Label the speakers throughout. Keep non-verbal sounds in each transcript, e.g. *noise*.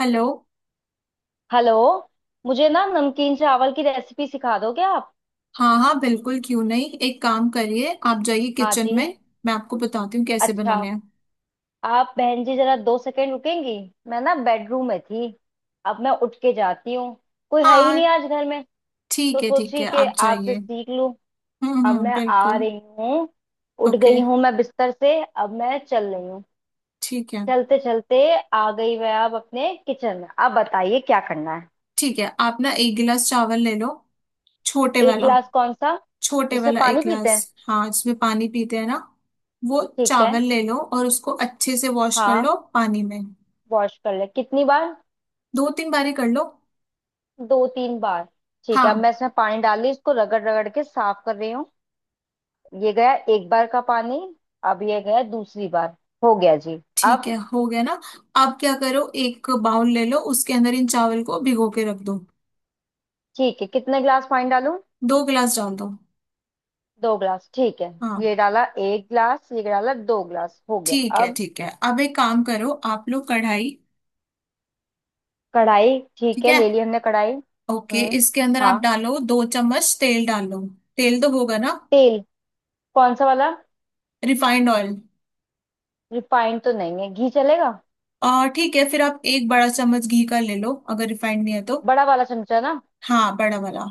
Speaker 1: Hello.
Speaker 2: Hello. मुझे ना नमकीन चावल की रेसिपी सिखा दोगे आप।
Speaker 1: हाँ हाँ, बिल्कुल, क्यों नहीं। एक काम करिए, आप जाइए
Speaker 2: हाँ
Speaker 1: किचन में।
Speaker 2: जी।
Speaker 1: मैं आपको बताती हूँ कैसे
Speaker 2: अच्छा।
Speaker 1: बनाने हैं।
Speaker 2: आप बहन जी जरा 2 सेकंड रुकेंगी। मैं ना बेडरूम में थी। अब मैं उठ के जाती हूँ। कोई है ही
Speaker 1: हाँ,
Speaker 2: नहीं आज घर में।
Speaker 1: ठीक
Speaker 2: तो
Speaker 1: है ठीक
Speaker 2: सोची
Speaker 1: है,
Speaker 2: कि
Speaker 1: आप
Speaker 2: आपसे
Speaker 1: जाइए।
Speaker 2: सीख लूँ। अब
Speaker 1: हम्म,
Speaker 2: मैं आ
Speaker 1: बिल्कुल।
Speaker 2: रही हूँ। उठ
Speaker 1: ओके।
Speaker 2: गई हूँ मैं बिस्तर से, अब मैं चल रही हूँ।
Speaker 1: ठीक है
Speaker 2: चलते चलते आ गई मैं, अब अपने किचन में। आप बताइए क्या करना है।
Speaker 1: ठीक है। आप ना 1 गिलास चावल ले लो। छोटे
Speaker 2: एक
Speaker 1: वाला।
Speaker 2: गिलास कौन सा।
Speaker 1: छोटे
Speaker 2: जिससे
Speaker 1: वाला, एक
Speaker 2: पानी पीते
Speaker 1: गिलास।
Speaker 2: हैं।
Speaker 1: हाँ, जिसमें पानी पीते हैं ना। वो
Speaker 2: ठीक है।
Speaker 1: चावल ले लो और उसको अच्छे से वॉश कर
Speaker 2: हाँ।
Speaker 1: लो पानी में।
Speaker 2: वॉश कर ले कितनी बार।
Speaker 1: 2 3 बारी कर लो।
Speaker 2: दो तीन बार। ठीक है, अब
Speaker 1: हाँ,
Speaker 2: मैं इसमें पानी डाल ली, इसको रगड़ रगड़ के साफ कर रही हूँ। ये गया एक बार का पानी। अब ये गया दूसरी बार। हो गया जी
Speaker 1: ठीक
Speaker 2: अब।
Speaker 1: है, हो गया ना। अब क्या करो, एक बाउल ले लो, उसके अंदर इन चावल को भिगो के रख दो।
Speaker 2: ठीक है। कितने गिलास पानी डालूं।
Speaker 1: 2 गिलास डाल दो।
Speaker 2: 2 गिलास ठीक है।
Speaker 1: हाँ,
Speaker 2: ये डाला एक गिलास, ये डाला 2 गिलास। हो
Speaker 1: ठीक
Speaker 2: गया।
Speaker 1: है
Speaker 2: अब
Speaker 1: ठीक है। अब एक काम करो, आप लोग कढ़ाई।
Speaker 2: कढ़ाई। ठीक
Speaker 1: ठीक
Speaker 2: है,
Speaker 1: है,
Speaker 2: ले ली हमने कढ़ाई।
Speaker 1: ओके।
Speaker 2: हम्म।
Speaker 1: इसके अंदर आप
Speaker 2: हाँ।
Speaker 1: डालो, 2 चम्मच तेल डाल लो। तेल तो होगा ना।
Speaker 2: तेल कौन सा वाला।
Speaker 1: Refined oil.
Speaker 2: रिफाइंड तो नहीं है, घी चलेगा।
Speaker 1: और ठीक है, फिर आप 1 बड़ा चम्मच घी का ले लो अगर रिफाइंड नहीं है तो।
Speaker 2: बड़ा वाला चमचा ना।
Speaker 1: हाँ, बड़ा वाला।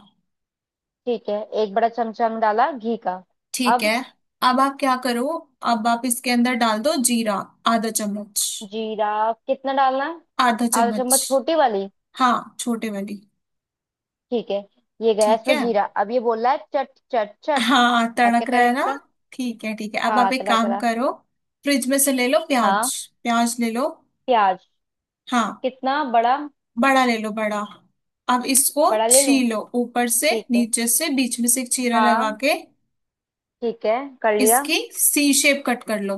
Speaker 2: ठीक है। एक बड़ा चमचा हमने डाला घी का।
Speaker 1: ठीक है।
Speaker 2: अब
Speaker 1: अब आप क्या करो। अब आप इसके अंदर डाल दो जीरा, 1/2 चम्मच।
Speaker 2: जीरा कितना डालना है।
Speaker 1: आधा
Speaker 2: आधा
Speaker 1: चम्मच।
Speaker 2: चम्मच छोटी वाली।
Speaker 1: हाँ, छोटे वाली।
Speaker 2: ठीक है, ये गया
Speaker 1: ठीक
Speaker 2: इसमें
Speaker 1: है।
Speaker 2: जीरा। अब ये बोल रहा है चट चट चट।
Speaker 1: हाँ,
Speaker 2: अब क्या
Speaker 1: तड़क रहा
Speaker 2: करें
Speaker 1: है ना।
Speaker 2: इसका।
Speaker 1: ठीक है ठीक है। अब आप
Speaker 2: हाँ
Speaker 1: एक
Speaker 2: तड़ा
Speaker 1: काम
Speaker 2: करा।
Speaker 1: करो, फ्रिज में से ले लो प्याज।
Speaker 2: हाँ।
Speaker 1: प्याज ले लो।
Speaker 2: प्याज
Speaker 1: हाँ,
Speaker 2: कितना बड़ा।
Speaker 1: बड़ा ले लो, बड़ा। अब इसको
Speaker 2: बड़ा ले लूं।
Speaker 1: छीलो ऊपर से
Speaker 2: ठीक है।
Speaker 1: नीचे से, बीच में से एक चीरा लगा
Speaker 2: हाँ।
Speaker 1: के।
Speaker 2: ठीक है, कर लिया।
Speaker 1: इसकी सी शेप कट कर लो।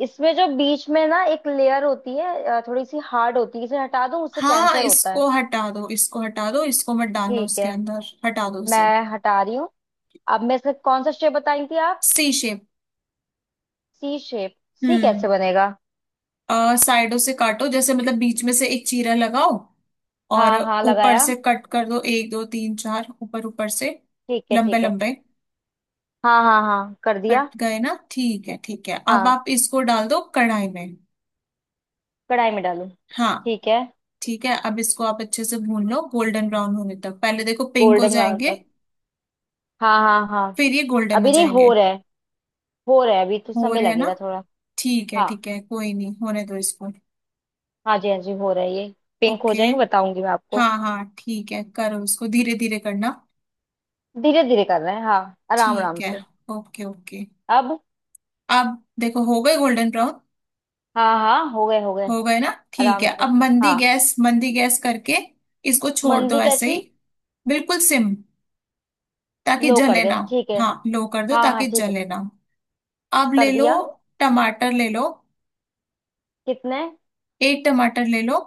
Speaker 2: इसमें जो बीच में ना एक लेयर होती है, थोड़ी सी हार्ड होती है, इसे हटा दूं। उससे
Speaker 1: हाँ,
Speaker 2: कैंसर होता है।
Speaker 1: इसको हटा दो, इसको हटा दो, इसको मत डालना
Speaker 2: ठीक
Speaker 1: उसके
Speaker 2: है,
Speaker 1: अंदर, हटा दो उसे।
Speaker 2: मैं हटा रही हूँ। अब मैं इसका कौन सा शेप बताई थी आप।
Speaker 1: C shape.
Speaker 2: C shape. C
Speaker 1: हम्म।
Speaker 2: कैसे बनेगा।
Speaker 1: साइडों से काटो, जैसे मतलब बीच में से एक चीरा लगाओ। और
Speaker 2: हाँ हाँ,
Speaker 1: ऊपर
Speaker 2: लगाया।
Speaker 1: से कट कर दो, एक दो तीन चार ऊपर, ऊपर से।
Speaker 2: ठीक है
Speaker 1: लंबे
Speaker 2: ठीक है।
Speaker 1: लंबे।
Speaker 2: हाँ हाँ हाँ, कर दिया।
Speaker 1: कट गए ना। ठीक है ठीक है। अब
Speaker 2: हाँ।
Speaker 1: आप इसको डाल दो कढ़ाई में।
Speaker 2: कढ़ाई में डालूं।
Speaker 1: हाँ।
Speaker 2: ठीक है।
Speaker 1: ठीक है। अब इसको आप अच्छे से भून लो गोल्डन ब्राउन होने तक। पहले देखो पिंक हो
Speaker 2: गोल्डन ब्राउन
Speaker 1: जाएंगे,
Speaker 2: तक। हाँ हाँ हाँ।
Speaker 1: फिर ये गोल्डन हो
Speaker 2: अभी नहीं
Speaker 1: जाएंगे।
Speaker 2: हो रहा है। हो रहा है, अभी तो
Speaker 1: हो
Speaker 2: समय
Speaker 1: रहे हैं ना।
Speaker 2: लगेगा थोड़ा।
Speaker 1: ठीक है
Speaker 2: हाँ।
Speaker 1: ठीक है, कोई नहीं, होने दो इसको।
Speaker 2: हाँ जी हाँ जी, हो रहा है ये। पिंक हो
Speaker 1: ओके।
Speaker 2: जाएंगे बताऊंगी मैं आपको।
Speaker 1: हाँ हाँ, ठीक है। करो इसको, धीरे धीरे करना।
Speaker 2: धीरे धीरे कर रहे हैं, हाँ, आराम आराम
Speaker 1: ठीक है।
Speaker 2: से।
Speaker 1: Okay okay.
Speaker 2: अब।
Speaker 1: अब देखो हो गए गोल्डन ब्राउन।
Speaker 2: हाँ हाँ, हो गए हो गए।
Speaker 1: हो गए ना। ठीक
Speaker 2: आराम
Speaker 1: है,
Speaker 2: से।
Speaker 1: अब
Speaker 2: हाँ।
Speaker 1: मंदी गैस करके इसको छोड़ दो
Speaker 2: मंदी
Speaker 1: ऐसे ही।
Speaker 2: कैसी।
Speaker 1: बिल्कुल सिम। ताकि
Speaker 2: लो कर
Speaker 1: जले
Speaker 2: दे
Speaker 1: ना।
Speaker 2: ठीक है।
Speaker 1: हाँ, लो कर दो
Speaker 2: हाँ हाँ
Speaker 1: ताकि
Speaker 2: ठीक है,
Speaker 1: जले ना। अब ले
Speaker 2: कर
Speaker 1: लो।
Speaker 2: दिया।
Speaker 1: टमाटर ले लो।
Speaker 2: कितने।
Speaker 1: 1 टमाटर ले लो।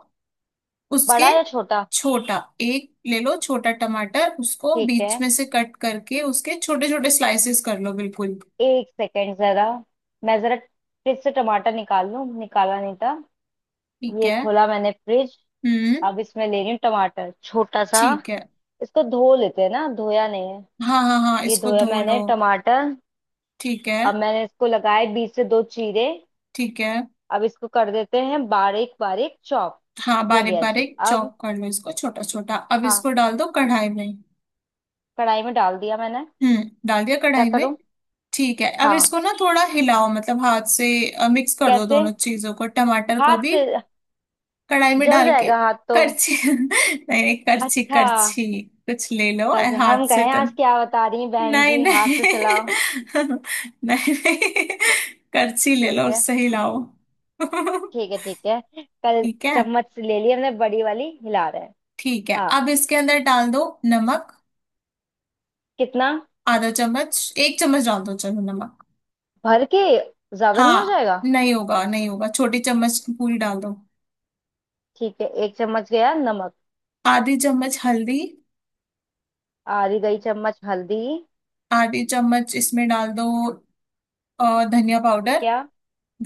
Speaker 1: उसके।
Speaker 2: बड़ा या छोटा।
Speaker 1: छोटा एक ले लो, छोटा टमाटर। उसको
Speaker 2: ठीक है,
Speaker 1: बीच में से कट करके उसके छोटे छोटे स्लाइसेस कर लो, बिल्कुल।
Speaker 2: एक सेकेंड जरा। मैं जरा फ्रिज से टमाटर निकाल लूं, निकाला नहीं था।
Speaker 1: ठीक
Speaker 2: ये
Speaker 1: है।
Speaker 2: खोला मैंने फ्रिज।
Speaker 1: हम्म।
Speaker 2: अब इसमें ले रही हूँ टमाटर छोटा सा।
Speaker 1: ठीक है।
Speaker 2: इसको धो लेते हैं ना, धोया नहीं है।
Speaker 1: हाँ हाँ हाँ,
Speaker 2: ये
Speaker 1: इसको
Speaker 2: धोया
Speaker 1: धो लो।
Speaker 2: मैंने टमाटर।
Speaker 1: ठीक है।
Speaker 2: अब मैंने इसको लगाए बीच से 2 चीरे।
Speaker 1: ठीक है।
Speaker 2: अब इसको कर देते हैं बारीक बारीक चॉप।
Speaker 1: हाँ,
Speaker 2: हो
Speaker 1: बारीक
Speaker 2: गया जी
Speaker 1: बारीक
Speaker 2: अब।
Speaker 1: चॉप कर लो इसको, छोटा छोटा। अब
Speaker 2: हाँ,
Speaker 1: इसको डाल दो कढ़ाई में।
Speaker 2: कढ़ाई में डाल दिया मैंने।
Speaker 1: हम्म। डाल दिया
Speaker 2: क्या
Speaker 1: कढ़ाई में।
Speaker 2: करूँ।
Speaker 1: ठीक है, अब
Speaker 2: हाँ।
Speaker 1: इसको ना थोड़ा हिलाओ, मतलब हाथ से। मिक्स कर दो
Speaker 2: कैसे।
Speaker 1: दोनों चीजों को, टमाटर को
Speaker 2: हाथ
Speaker 1: भी।
Speaker 2: से।
Speaker 1: कढ़ाई में
Speaker 2: जल
Speaker 1: डाल के।
Speaker 2: जाएगा हाथ तो।
Speaker 1: करछी। *laughs* नहीं नहीं, करछी,
Speaker 2: अच्छा।
Speaker 1: करछी। कुछ ले लो,
Speaker 2: तब से
Speaker 1: हाथ
Speaker 2: हम
Speaker 1: से
Speaker 2: कहें
Speaker 1: तो
Speaker 2: आज क्या बता रही हैं बहन
Speaker 1: नहीं
Speaker 2: जी, हाथ
Speaker 1: नहीं।
Speaker 2: से चलाओ।
Speaker 1: *laughs* नहीं, नहीं, करछी ले लो
Speaker 2: ठीक है।
Speaker 1: उससे हिलाओ। *laughs*
Speaker 2: ठीक है ठीक है। कल
Speaker 1: ठीक है
Speaker 2: चम्मच से ले ली हमने, बड़ी वाली, हिला रहे हैं।
Speaker 1: ठीक है।
Speaker 2: हाँ।
Speaker 1: अब इसके अंदर डाल दो नमक।
Speaker 2: कितना।
Speaker 1: आधा चम्मच। 1 चम्मच डाल दो चलो, नमक।
Speaker 2: भर के ज्यादा नहीं हो
Speaker 1: हाँ,
Speaker 2: जाएगा।
Speaker 1: नहीं होगा नहीं होगा, छोटी चम्मच पूरी डाल दो।
Speaker 2: ठीक है, एक चम्मच गया नमक।
Speaker 1: 1/2 चम्मच हल्दी।
Speaker 2: आधी गई चम्मच हल्दी।
Speaker 1: आधी चम्मच इसमें डाल दो। धनिया पाउडर।
Speaker 2: क्या।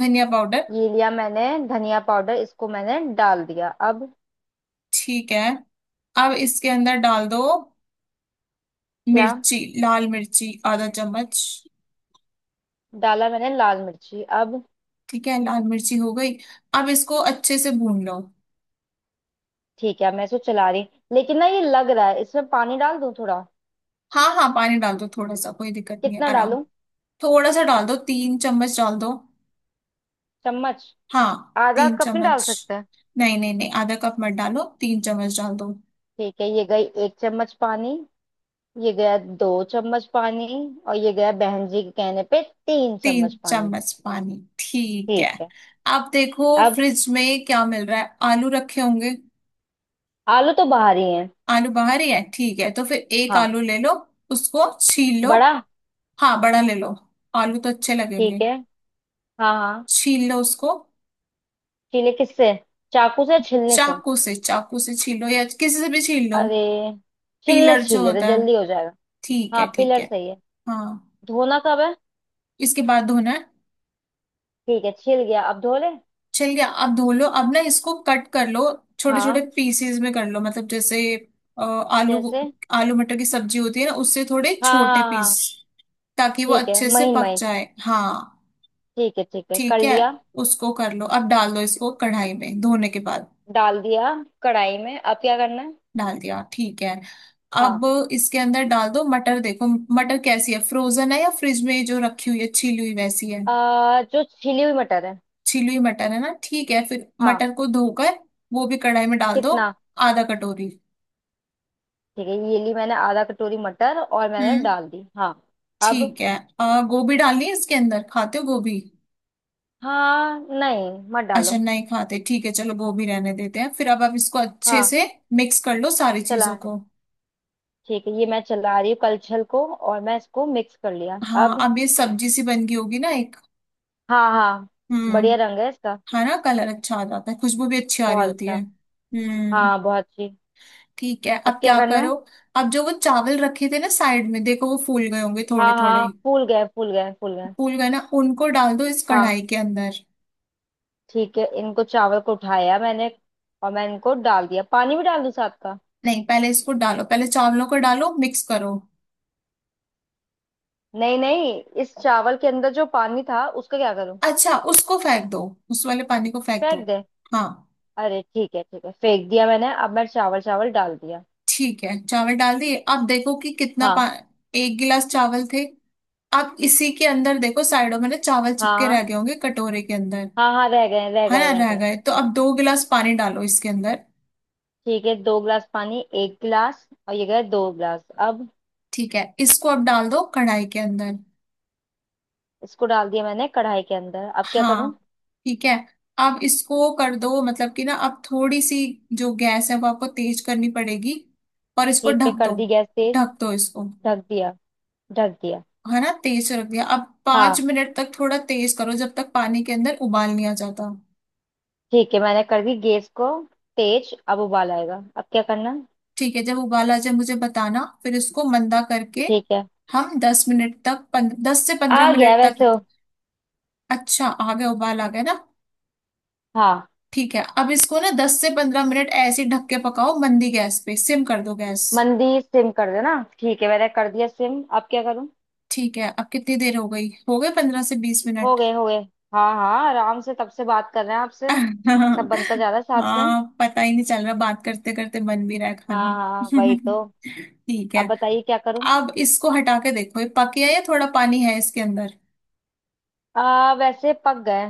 Speaker 1: धनिया पाउडर।
Speaker 2: ये लिया मैंने धनिया पाउडर, इसको मैंने डाल दिया अब।
Speaker 1: ठीक है। अब इसके अंदर डाल दो
Speaker 2: क्या।
Speaker 1: मिर्ची, लाल मिर्ची, 1/2 चम्मच।
Speaker 2: डाला मैंने लाल मिर्ची अब।
Speaker 1: ठीक है, लाल मिर्ची हो गई। अब इसको अच्छे से भून लो।
Speaker 2: ठीक है, मैं इसको चला रही। लेकिन ना ये लग रहा है, इसमें पानी डाल दूं थोड़ा।
Speaker 1: हाँ हाँ, पानी डाल दो थोड़ा सा, कोई दिक्कत नहीं है,
Speaker 2: कितना
Speaker 1: आराम।
Speaker 2: डालूं।
Speaker 1: थोड़ा सा डाल दो, 3 चम्मच डाल दो।
Speaker 2: चम्मच।
Speaker 1: हाँ।
Speaker 2: आधा
Speaker 1: तीन
Speaker 2: कप नहीं डाल
Speaker 1: चम्मच।
Speaker 2: सकते।
Speaker 1: नहीं नहीं नहीं, 1/2 कप मत डालो, तीन चम्मच डाल दो।
Speaker 2: ठीक है, ये गई एक चम्मच पानी। ये गया 2 चम्मच पानी। और ये गया, बहन जी के कहने पे, तीन
Speaker 1: तीन
Speaker 2: चम्मच पानी
Speaker 1: चम्मच पानी, ठीक
Speaker 2: ठीक
Speaker 1: है।
Speaker 2: है।
Speaker 1: अब देखो
Speaker 2: अब।
Speaker 1: फ्रिज में क्या मिल रहा है, आलू रखे होंगे।
Speaker 2: आलू तो बाहर ही है।
Speaker 1: आलू बाहर ही है, ठीक है। तो फिर एक
Speaker 2: हाँ।
Speaker 1: आलू ले लो, उसको छील लो।
Speaker 2: बड़ा।
Speaker 1: हाँ, बड़ा ले लो। आलू तो अच्छे
Speaker 2: ठीक
Speaker 1: लगेंगे।
Speaker 2: है। हाँ हाँ।
Speaker 1: छील लो उसको।
Speaker 2: छीले किससे। चाकू से या छीलने से।
Speaker 1: चाकू से, चाकू से छील लो, या किसी से भी छील लो।
Speaker 2: अरे, छीलने
Speaker 1: पीलर
Speaker 2: से छील
Speaker 1: जो
Speaker 2: लेते
Speaker 1: होता है।
Speaker 2: जल्दी हो जाएगा।
Speaker 1: ठीक
Speaker 2: हाँ
Speaker 1: है ठीक
Speaker 2: पिलर
Speaker 1: है।
Speaker 2: सही है।
Speaker 1: हाँ,
Speaker 2: धोना कब है।
Speaker 1: इसके बाद धोना है।
Speaker 2: ठीक है, छिल गया, अब धो ले।
Speaker 1: छिल गया अब धो लो। अब ना इसको कट कर लो, छोटे छोटे
Speaker 2: हाँ।
Speaker 1: पीसेस में कर लो, मतलब जैसे आलू।
Speaker 2: जैसे।
Speaker 1: आलू मटर की सब्जी होती है ना, उससे थोड़े
Speaker 2: हाँ
Speaker 1: छोटे
Speaker 2: हाँ
Speaker 1: पीस,
Speaker 2: हाँ।
Speaker 1: ताकि वो
Speaker 2: ठीक है,
Speaker 1: अच्छे से
Speaker 2: महीन
Speaker 1: पक
Speaker 2: महीन।
Speaker 1: जाए, हाँ।
Speaker 2: ठीक है ठीक है, कर
Speaker 1: ठीक है।
Speaker 2: लिया।
Speaker 1: उसको कर लो। अब डाल दो इसको कढ़ाई में धोने के बाद।
Speaker 2: डाल दिया कढ़ाई में, अब क्या करना है।
Speaker 1: डाल दिया, ठीक है। अब
Speaker 2: हाँ।
Speaker 1: इसके अंदर डाल दो मटर, देखो मटर कैसी है, फ्रोजन है या फ्रिज में जो रखी हुई है छीली हुई, वैसी है।
Speaker 2: जो छिली हुई मटर है।
Speaker 1: छीली हुई मटर है ना, ठीक है। फिर
Speaker 2: हाँ।
Speaker 1: मटर को धोकर वो भी कढ़ाई में डाल दो।
Speaker 2: कितना।
Speaker 1: 1/2 कटोरी।
Speaker 2: ठीक है, ये ली मैंने आधा कटोरी मटर और मैंने
Speaker 1: हम्म।
Speaker 2: डाल दी। हाँ। अब।
Speaker 1: ठीक है। गोभी डालनी है इसके अंदर, खाते हो गोभी।
Speaker 2: हाँ, नहीं मत
Speaker 1: अच्छा
Speaker 2: डालो।
Speaker 1: नहीं खाते, ठीक है, चलो गोभी रहने देते हैं। फिर अब आप इसको अच्छे
Speaker 2: हाँ
Speaker 1: से मिक्स कर लो सारी चीजों
Speaker 2: चला।
Speaker 1: को।
Speaker 2: ठीक है, ये मैं चला रही हूँ कलछल को और मैं इसको मिक्स कर लिया।
Speaker 1: हाँ,
Speaker 2: अब।
Speaker 1: अब ये सब्जी सी बन गई होगी ना, एक।
Speaker 2: हाँ हाँ। बढ़िया रंग
Speaker 1: हम्म।
Speaker 2: है इसका।
Speaker 1: है ना, कलर अच्छा आ जाता है, खुशबू भी अच्छी आ रही
Speaker 2: बहुत
Speaker 1: होती
Speaker 2: अच्छा।
Speaker 1: है। हम्म।
Speaker 2: हाँ, बहुत अच्छी।
Speaker 1: ठीक है,
Speaker 2: अब
Speaker 1: अब
Speaker 2: क्या
Speaker 1: क्या
Speaker 2: करना
Speaker 1: करो।
Speaker 2: है।
Speaker 1: अब जो वो चावल रखे थे ना साइड में, देखो वो फूल गए होंगे थोड़े
Speaker 2: हाँ
Speaker 1: थोड़े।
Speaker 2: हाँ, फूल गए फूल गए फूल गए।
Speaker 1: फूल गए ना, उनको डाल दो इस
Speaker 2: हाँ।
Speaker 1: कढ़ाई के अंदर।
Speaker 2: ठीक है, इनको चावल को उठाया मैंने। और मैं इनको डाल दिया। पानी भी डाल दूँ साथ का।
Speaker 1: नहीं, पहले इसको डालो, पहले चावलों को डालो, मिक्स करो।
Speaker 2: नहीं नहीं। इस चावल के अंदर जो पानी था उसका क्या करूँ।
Speaker 1: अच्छा, उसको फेंक दो। उस वाले पानी को फेंक दो।
Speaker 2: फेंक दे।
Speaker 1: हाँ,
Speaker 2: अरे ठीक है ठीक है, फेंक दिया मैंने। अब मैं चावल चावल डाल दिया।
Speaker 1: ठीक है, चावल डाल दिए। आप देखो कि कितना पा,
Speaker 2: हाँ।
Speaker 1: एक गिलास चावल थे। आप इसी के अंदर देखो, साइडों में ना चावल चिपके
Speaker 2: हाँ
Speaker 1: रह गए होंगे कटोरे के अंदर।
Speaker 2: हाँ हाँ, रह गए रह
Speaker 1: है
Speaker 2: गए
Speaker 1: ना,
Speaker 2: रह
Speaker 1: रह
Speaker 2: गए।
Speaker 1: गए तो अब 2 गिलास पानी डालो इसके अंदर।
Speaker 2: ठीक है, दो गिलास पानी, एक गिलास, और ये गए 2 गिलास। अब
Speaker 1: ठीक है, इसको अब डाल दो कढ़ाई के अंदर।
Speaker 2: इसको डाल दिया मैंने कढ़ाई के अंदर, अब क्या करूँ।
Speaker 1: हाँ, ठीक है। अब इसको कर दो, मतलब कि ना, अब थोड़ी सी, जो गैस है वो आपको तेज करनी पड़ेगी। और इसको
Speaker 2: ठीक है,
Speaker 1: ढक
Speaker 2: कर
Speaker 1: दो।
Speaker 2: दी गैस तेज।
Speaker 1: ढक दो इसको।
Speaker 2: ढक दिया। ढक दिया।
Speaker 1: है ना, तेज रख दिया। अब पांच
Speaker 2: हाँ।
Speaker 1: मिनट तक थोड़ा तेज करो जब तक पानी के अंदर उबाल नहीं आ जाता।
Speaker 2: ठीक है, मैंने कर दी गैस को तेज। अब उबाल आएगा, अब क्या करना है?
Speaker 1: ठीक है, जब उबाल आ जाए मुझे बताना, फिर इसको मंदा करके
Speaker 2: ठीक है।
Speaker 1: हम 10 मिनट तक दस से पंद्रह
Speaker 2: आ गया
Speaker 1: मिनट तक।
Speaker 2: वैसे।
Speaker 1: अच्छा, आ गया, उबाल आ गया ना।
Speaker 2: हाँ।
Speaker 1: ठीक है, अब इसको ना 10 से 15 मिनट ऐसे ही ढक के पकाओ, मंदी गैस पे, सिम कर दो गैस।
Speaker 2: मंदी सिम कर देना। ठीक है, मैंने कर दिया सिम, अब क्या करूँ।
Speaker 1: ठीक है, अब कितनी देर हो गई। हो गए पंद्रह से बीस
Speaker 2: हो
Speaker 1: मिनट
Speaker 2: गए हो गए। हाँ हाँ, आराम से तब से बात कर रहे हैं आपसे। सब बनता जा
Speaker 1: *laughs*
Speaker 2: रहा है साथ में।
Speaker 1: हाँ, पता ही नहीं चल रहा, बात करते करते बन भी रहा है खाना।
Speaker 2: हाँ हाँ, वही तो।
Speaker 1: *laughs* ठीक है।
Speaker 2: अब बताइए क्या करूँ।
Speaker 1: अब इसको हटा के देखो ये पक गया या थोड़ा पानी है इसके अंदर।
Speaker 2: वैसे पक गए।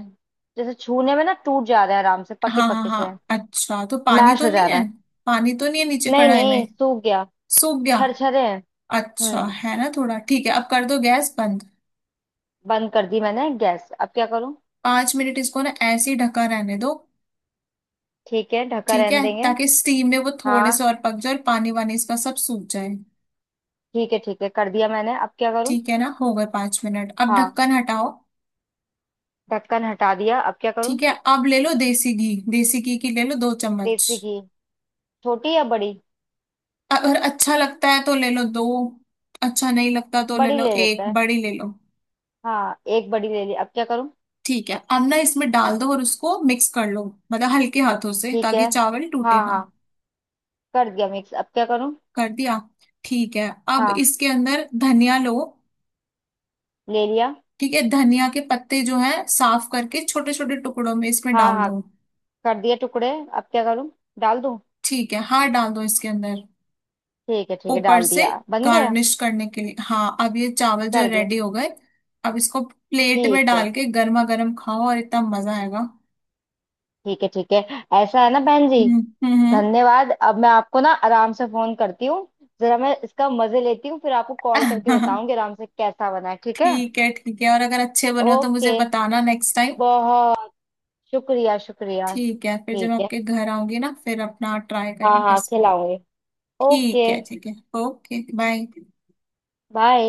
Speaker 2: जैसे छूने में ना टूट जा रहे हैं, आराम से, पके
Speaker 1: हाँ हाँ
Speaker 2: पके से।
Speaker 1: हाँ, अच्छा, तो पानी
Speaker 2: मैश
Speaker 1: तो
Speaker 2: हो
Speaker 1: नहीं
Speaker 2: जा रहा
Speaker 1: है।
Speaker 2: है।
Speaker 1: पानी तो नहीं है नीचे
Speaker 2: नहीं
Speaker 1: कढ़ाई में।
Speaker 2: नहीं, सूख गया।
Speaker 1: सूख गया।
Speaker 2: छरछरे हैं।
Speaker 1: अच्छा
Speaker 2: हम्म।
Speaker 1: है ना थोड़ा, ठीक है। अब कर दो गैस बंद।
Speaker 2: बंद कर दी मैंने गैस, अब क्या करूं।
Speaker 1: 5 मिनट इसको ना ऐसे ही ढका रहने दो।
Speaker 2: ठीक है, ढक्कन
Speaker 1: ठीक है,
Speaker 2: रहने देंगे।
Speaker 1: ताकि स्टीम में वो थोड़े से
Speaker 2: हाँ।
Speaker 1: और पक जाए, और पानी वानी इसका सब सूख जाए।
Speaker 2: ठीक है ठीक है, कर दिया मैंने, अब क्या करूं।
Speaker 1: ठीक है ना, हो गए 5 मिनट, अब
Speaker 2: हाँ।
Speaker 1: ढक्कन हटाओ।
Speaker 2: ढक्कन हटा दिया, अब क्या करूं।
Speaker 1: ठीक है, अब ले लो देसी घी। देसी घी की ले लो, 2 चम्मच।
Speaker 2: देसी घी। छोटी या बड़ी।
Speaker 1: अगर अच्छा लगता है तो ले लो दो, अच्छा नहीं लगता तो ले
Speaker 2: बड़ी
Speaker 1: लो
Speaker 2: ले
Speaker 1: एक,
Speaker 2: लेता है।
Speaker 1: बड़ी ले लो।
Speaker 2: हाँ, एक बड़ी ले ली, अब क्या करूं।
Speaker 1: ठीक है, अब ना इसमें डाल दो, और उसको मिक्स कर लो, मतलब हल्के हाथों से,
Speaker 2: ठीक
Speaker 1: ताकि
Speaker 2: है।
Speaker 1: चावल टूटे
Speaker 2: हाँ
Speaker 1: ना।
Speaker 2: हाँ, कर दिया मिक्स, अब क्या करूं।
Speaker 1: कर दिया। ठीक है, अब
Speaker 2: हाँ,
Speaker 1: इसके अंदर धनिया लो।
Speaker 2: ले लिया।
Speaker 1: ठीक है, धनिया के पत्ते जो है साफ करके छोटे छोटे टुकड़ों में इसमें
Speaker 2: हाँ
Speaker 1: डाल
Speaker 2: हाँ,
Speaker 1: दो।
Speaker 2: कर दिए टुकड़े, अब क्या करूं, डाल दूं।
Speaker 1: ठीक है, हाँ, डाल दो इसके अंदर,
Speaker 2: ठीक है ठीक है,
Speaker 1: ऊपर
Speaker 2: डाल
Speaker 1: से,
Speaker 2: दिया, बन गया।
Speaker 1: गार्निश करने के लिए। हाँ, अब ये चावल जो
Speaker 2: कर दिया।
Speaker 1: रेडी हो गए, अब इसको प्लेट में
Speaker 2: ठीक है
Speaker 1: डाल के गर्मा गर्म खाओ, और इतना मजा आएगा।
Speaker 2: ठीक है ठीक है। ऐसा है ना बहन जी।
Speaker 1: हम्म हम्म।
Speaker 2: धन्यवाद, अब मैं आपको ना आराम से फोन करती हूँ। जरा मैं इसका मजे लेती हूँ, फिर आपको कॉल करके बताऊंगी
Speaker 1: *laughs*
Speaker 2: आराम से कैसा बना है, ठीक है।
Speaker 1: ठीक है ठीक है, और अगर अच्छे बनो तो मुझे
Speaker 2: ओके।
Speaker 1: बताना नेक्स्ट टाइम।
Speaker 2: बहुत शुक्रिया, शुक्रिया,
Speaker 1: ठीक है, फिर जब
Speaker 2: ठीक
Speaker 1: मैं
Speaker 2: है।
Speaker 1: आपके घर आऊंगी ना, फिर अपना ट्राई
Speaker 2: हाँ
Speaker 1: करेंगे
Speaker 2: हाँ,
Speaker 1: इसका।
Speaker 2: खिलाऊंगी। ओके
Speaker 1: ठीक है ठीक है। Okay, bye.
Speaker 2: बाय।